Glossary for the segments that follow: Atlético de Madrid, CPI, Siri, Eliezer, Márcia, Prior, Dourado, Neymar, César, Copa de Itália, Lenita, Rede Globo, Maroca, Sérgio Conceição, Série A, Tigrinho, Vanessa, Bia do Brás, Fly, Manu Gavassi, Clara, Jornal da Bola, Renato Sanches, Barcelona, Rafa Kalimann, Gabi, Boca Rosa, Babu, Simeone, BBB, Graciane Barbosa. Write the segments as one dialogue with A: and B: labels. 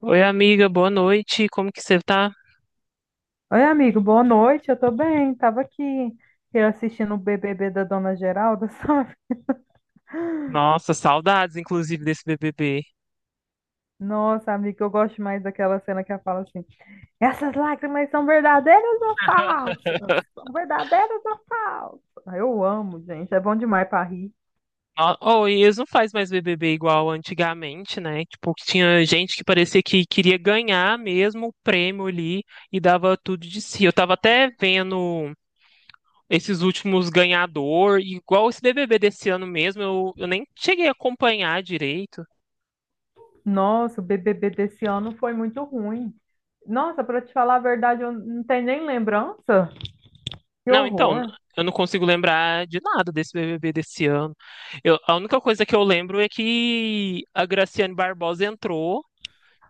A: Oi, amiga, boa noite. Como que você tá?
B: Oi, amigo, boa noite. Eu tô bem. Tava aqui eu assistindo o BBB da Dona Geralda, sabe?
A: Nossa, saudades, inclusive, desse BBB.
B: Nossa, amigo, eu gosto mais daquela cena que ela fala assim: essas lágrimas são verdadeiras ou falsas? São verdadeiras ou falsas? Ah, eu amo, gente. É bom demais pra rir.
A: Oh, e eles não fazem mais BBB igual antigamente, né? Tipo, que tinha gente que parecia que queria ganhar mesmo o prêmio ali e dava tudo de si. Eu tava até vendo esses últimos ganhador, e igual esse BBB desse ano mesmo, eu nem cheguei a acompanhar direito.
B: Nossa, o BBB desse ano foi muito ruim. Nossa, pra te falar a verdade, eu não tenho nem lembrança. Que
A: Não, então,
B: horror.
A: eu não consigo lembrar de nada desse BBB desse ano. A única coisa que eu lembro é que a Graciane Barbosa entrou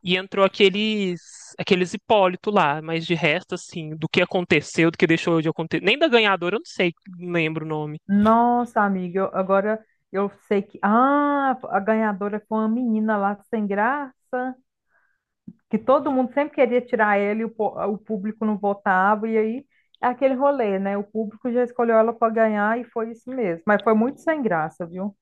A: e entrou aqueles Hipólito lá, mas de resto, assim, do que aconteceu, do que deixou de acontecer, nem da ganhadora, eu não sei, não lembro o nome.
B: Nossa, amiga, agora eu sei que. Ah, a ganhadora foi uma menina lá sem graça, que todo mundo sempre queria tirar ela e o público não votava, e aí é aquele rolê, né? O público já escolheu ela para ganhar e foi isso mesmo. Mas foi muito sem graça, viu?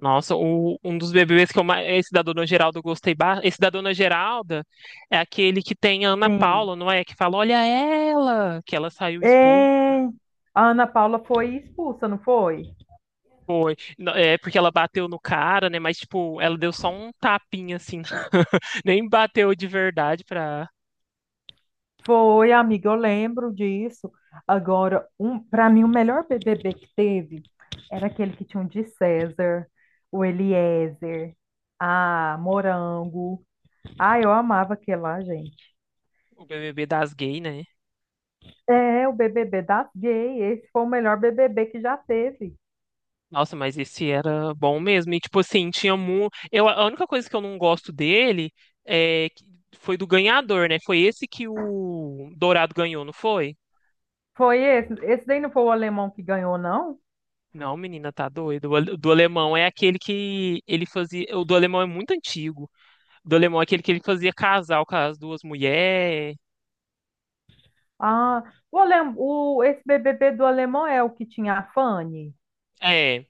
A: Nossa, um dos BBBs que eu mais, esse da Dona Geralda eu gostei, esse da Dona Geralda é aquele que tem a Ana
B: Sim.
A: Paula, não é? Que fala, olha ela, que ela saiu.
B: É... A Ana Paula foi expulsa, não foi?
A: Foi. Não, é porque ela bateu no cara, né? Mas, tipo, ela deu só um tapinha, assim. Nem bateu de verdade pra
B: Foi, amiga, eu lembro disso. Agora, para mim, o melhor BBB que teve era aquele que tinha o de César, o Eliezer, a Morango. Ah, eu amava aquele lá, gente.
A: o BBB das gays, né?
B: É, o BBB da gay. Esse foi o melhor BBB que já teve.
A: Nossa, mas esse era bom mesmo. E, tipo, assim, tinha muito. Eu, a única coisa que eu não gosto dele é... que- foi do ganhador, né? Foi esse que o Dourado ganhou, não foi?
B: Foi esse. Esse daí não foi o alemão que ganhou, não?
A: Não, menina, tá doido. Do alemão é aquele que ele fazia. O do alemão é muito antigo. O do alemão é aquele que ele fazia casal com as duas mulheres.
B: Ah, esse BBB do alemão é o que tinha a Fanny?
A: É.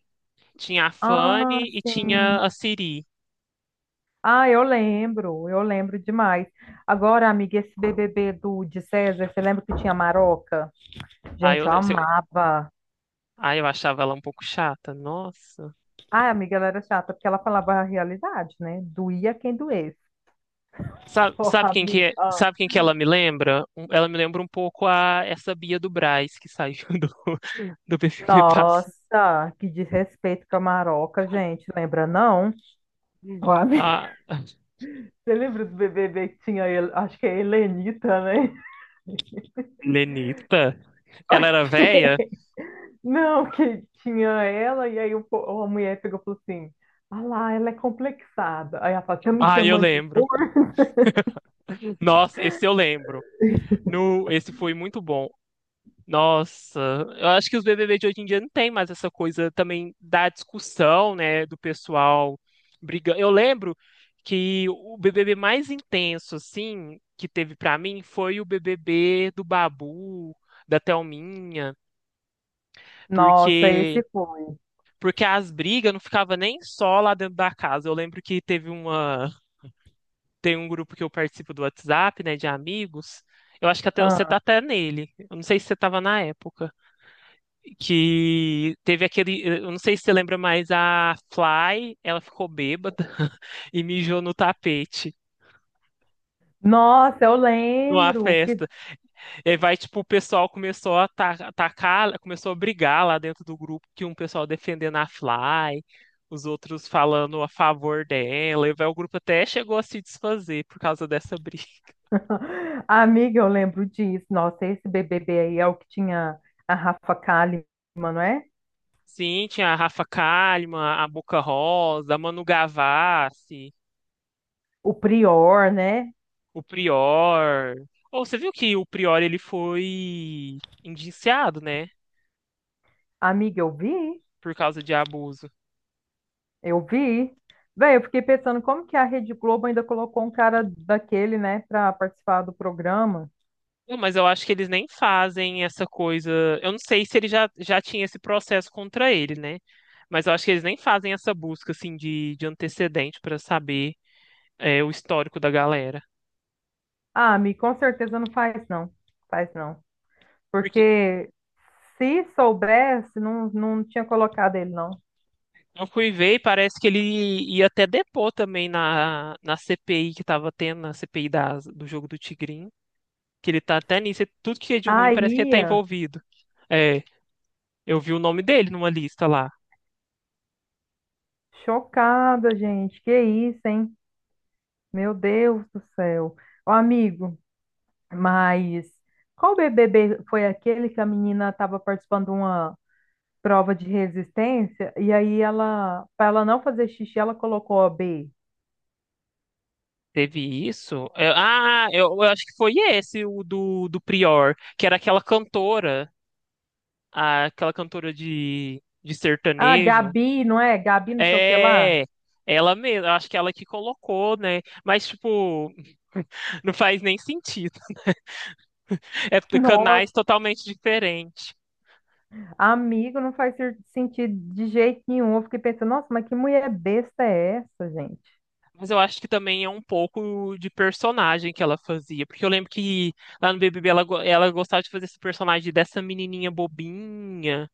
A: Tinha a
B: Ah,
A: Fanny e
B: sim.
A: tinha a Siri.
B: Ah, eu lembro demais. Agora, amiga, esse BBB do de César, você lembra que tinha Maroca?
A: Aí eu,
B: Gente, eu
A: lem- cê-
B: amava.
A: Aí eu achava ela um pouco chata. Nossa.
B: Ai, amiga, ela era chata, porque ela falava a realidade, né? Doía quem doesse.
A: Sabe,
B: Ô,
A: sabe quem que
B: amiga.
A: é,
B: Ah.
A: sabe quem que ela me lembra? Ela me lembra um pouco a essa Bia do Brás que saiu do, do BBB Passa.
B: Nossa, que desrespeito com a Maroca, gente. Lembra, não? Ó, amiga,
A: A
B: Você lembra do BBB que tinha, a acho que é a Helenita, né?
A: Lenita. Ela
B: Ok.
A: era velha?
B: Não, que tinha ela, e aí a mulher pegou e falou assim: Ah lá, ela é complexada. Aí ela fala: Tá me
A: Ah, eu
B: chamando de
A: lembro.
B: cor?
A: Nossa, esse eu lembro. No, esse foi muito bom. Nossa, eu acho que os BBB de hoje em dia não tem mais essa coisa também da discussão, né, do pessoal brigando. Eu lembro que o BBB mais intenso, assim, que teve pra mim foi o BBB do Babu, da Thelminha,
B: Nossa, esse
A: porque
B: foi.
A: as brigas não ficavam nem só lá dentro da casa. Eu lembro que teve uma, tem um grupo que eu participo do WhatsApp, né, de amigos. Eu acho que até você tá
B: Ah,
A: até nele. Eu não sei se você tava na época. Que teve aquele, eu não sei se você lembra, mas a Fly, ela ficou bêbada e mijou no tapete
B: nossa, eu
A: numa
B: lembro. Que...
A: festa. E aí vai, tipo, o pessoal começou a atacar, começou a brigar lá dentro do grupo, que um pessoal defendendo a Fly, os outros falando a favor dela, e vai, o grupo até chegou a se desfazer por causa dessa briga.
B: Amiga, eu lembro disso. Nossa, esse BBB aí é o que tinha a Rafa Kalimann, não é?
A: Sim, tinha a Rafa Kalimann, a Boca Rosa, a Manu Gavassi,
B: O Prior, né?
A: o Prior. Ou você viu que o Prior ele foi indiciado, né?
B: Amiga,
A: Por causa de abuso.
B: eu vi. Véi, eu fiquei pensando como que a Rede Globo ainda colocou um cara daquele, né, pra participar do programa.
A: Não, mas eu acho que eles nem fazem essa coisa. Eu não sei se ele já tinha esse processo contra ele, né? Mas eu acho que eles nem fazem essa busca assim de antecedente para saber é, o histórico da galera.
B: Ah, Mi, com certeza não faz, não. Faz, não.
A: Porque
B: Porque se soubesse, não tinha colocado ele, não.
A: eu fui ver e parece que ele ia até depor também na CPI que tava tendo, na CPI da do jogo do Tigrinho, que ele tá até nisso. E tudo que é de ruim parece que ele
B: Aí,
A: tá envolvido. É, eu vi o nome dele numa lista lá.
B: chocada, gente. Que isso, hein? Meu Deus do céu. Ô, amigo, mas qual BBB foi aquele que a menina estava participando de uma prova de resistência e aí ela, para ela não fazer xixi, ela colocou a B.
A: Teve isso? É, ah, eu acho que foi esse, do Prior, que era aquela cantora, aquela cantora de
B: Ah,
A: sertanejo.
B: Gabi, não é? Gabi não sei o que lá.
A: É, ela mesma, acho que ela que colocou, né? Mas, tipo, não faz nem sentido. É
B: Nossa.
A: canais totalmente diferentes.
B: Amigo, não sentido de jeito nenhum. Eu fiquei pensando, nossa, mas que mulher besta é essa, gente?
A: Mas eu acho que também é um pouco de personagem que ela fazia. Porque eu lembro que lá no BBB ela, ela gostava de fazer esse personagem dessa menininha bobinha,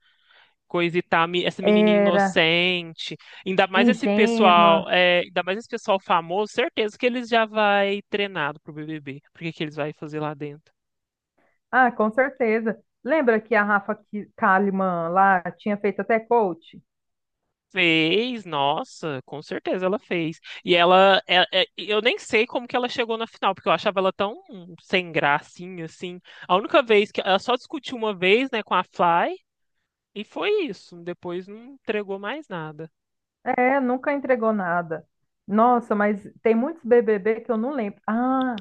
A: coisa e tal, essa menininha
B: Era
A: inocente. Ainda mais esse
B: ingênua.
A: pessoal, é, ainda mais esse pessoal famoso, certeza que eles já vai treinado pro BBB. Porque que eles vai fazer lá dentro?
B: Ah, com certeza. Lembra que a Rafa Kalimann lá tinha feito até coach?
A: Fez, nossa, com certeza ela fez. E ela, eu nem sei como que ela chegou na final, porque eu achava ela tão sem gracinha, assim. A única vez que ela só discutiu uma vez, né, com a Fly, e foi isso. Depois não entregou mais nada.
B: É, nunca entregou nada. Nossa, mas tem muitos BBB que eu não lembro. Ah,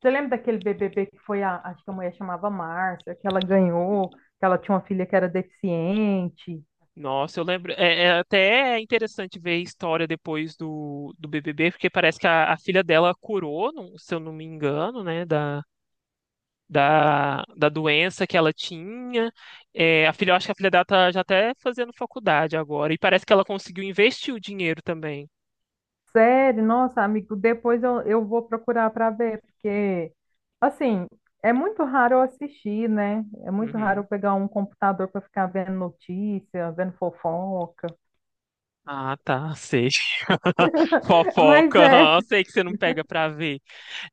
B: você lembra daquele BBB que foi a, acho que a mulher chamava Márcia, que ela ganhou, que ela tinha uma filha que era deficiente?
A: Nossa, eu lembro. É, é até é interessante ver a história depois do, do BBB, porque parece que a filha dela curou, se eu não me engano, né, da doença que ela tinha. É, a filha, eu acho que a filha dela tá já até fazendo faculdade agora. E parece que ela conseguiu investir o dinheiro também.
B: Sério, nossa, amigo, depois eu vou procurar para ver, porque, assim, é muito raro eu assistir, né? É muito raro eu
A: Uhum.
B: pegar um computador para ficar vendo notícia, vendo fofoca.
A: Ah, tá, sei.
B: Mas
A: Fofoca,
B: é,
A: aham, sei que você não pega pra ver.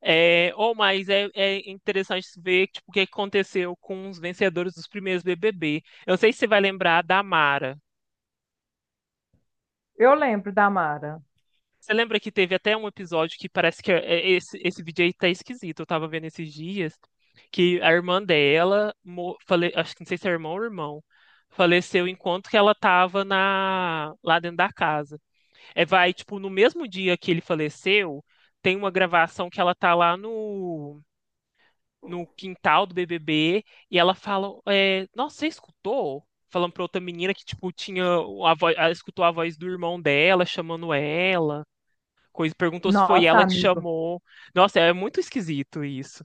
A: É, ou mas é, é interessante ver tipo, o que aconteceu com os vencedores dos primeiros BBB. Eu não sei se você vai lembrar da Mara.
B: eu lembro da Mara.
A: Você lembra que teve até um episódio que parece que é esse, esse vídeo aí tá esquisito. Eu tava vendo esses dias que a irmã dela, acho que não sei se é irmão ou irmão, faleceu enquanto que ela tava na, lá dentro da casa. É, vai, tipo, no mesmo dia que ele faleceu, tem uma gravação que ela tá lá no quintal do BBB e ela fala, é, nossa, você escutou? Falando pra outra menina que, tipo, tinha a voz, ela escutou a voz do irmão dela chamando ela coisa, perguntou se foi
B: Nossa,
A: ela que
B: amigo,
A: chamou. Nossa, é muito esquisito isso.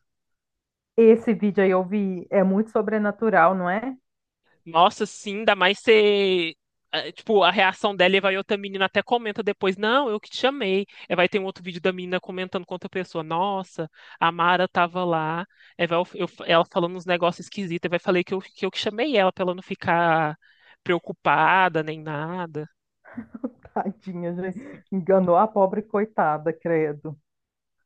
B: esse vídeo aí eu vi, é muito sobrenatural, não é?
A: Nossa, sim, ainda mais ser. Tipo, a reação dela e vai outra menina até comenta depois, não, eu que te chamei. Aí vai ter um outro vídeo da menina comentando com outra pessoa, nossa, a Mara tava lá. Aí vai ela falando uns negócios esquisitos, aí vai falei que eu, que eu que chamei ela pra ela não ficar preocupada nem nada.
B: Tadinha, gente. Enganou a pobre coitada, credo.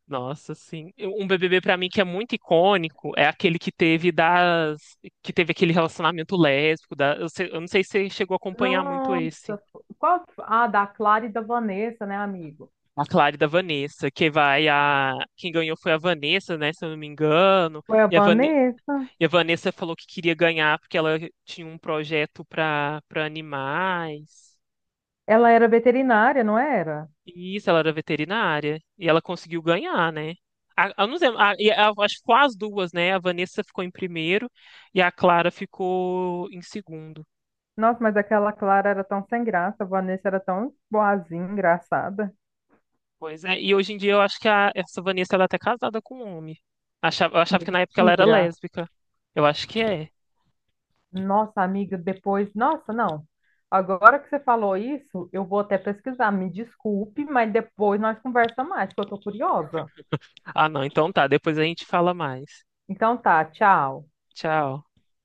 A: Nossa, sim. Um BBB pra mim que é muito icônico é aquele que teve das que teve aquele relacionamento lésbico da eu não sei se você chegou a acompanhar muito
B: Nossa,
A: esse.
B: qual que foi? Ah, da Clara e da Vanessa, né, amigo?
A: A Clara e da Vanessa, que vai a quem ganhou foi a Vanessa, né, se eu não me engano.
B: Foi a
A: E a, Vane...
B: Vanessa?
A: e a Vanessa falou que queria ganhar porque ela tinha um projeto para animais.
B: Ela era veterinária, não era?
A: Isso, ela era veterinária. E ela conseguiu ganhar, né? A, eu não sei, a- e a- Acho que foi as duas, né? A Vanessa ficou em primeiro e a Clara ficou em segundo.
B: Nossa, mas aquela Clara era tão sem graça, a Vanessa era tão boazinha, engraçada.
A: Pois é, e hoje em dia eu acho que essa Vanessa ela é até casada com um homem. Eu achava que na época ela era
B: Mentira.
A: lésbica. Eu acho que é.
B: Nossa, amiga, depois. Nossa, não. Agora que você falou isso, eu vou até pesquisar. Me desculpe, mas depois nós conversamos mais, porque eu tô curiosa.
A: Ah, não, então tá, depois a gente fala mais.
B: Então tá, tchau.
A: Tchau.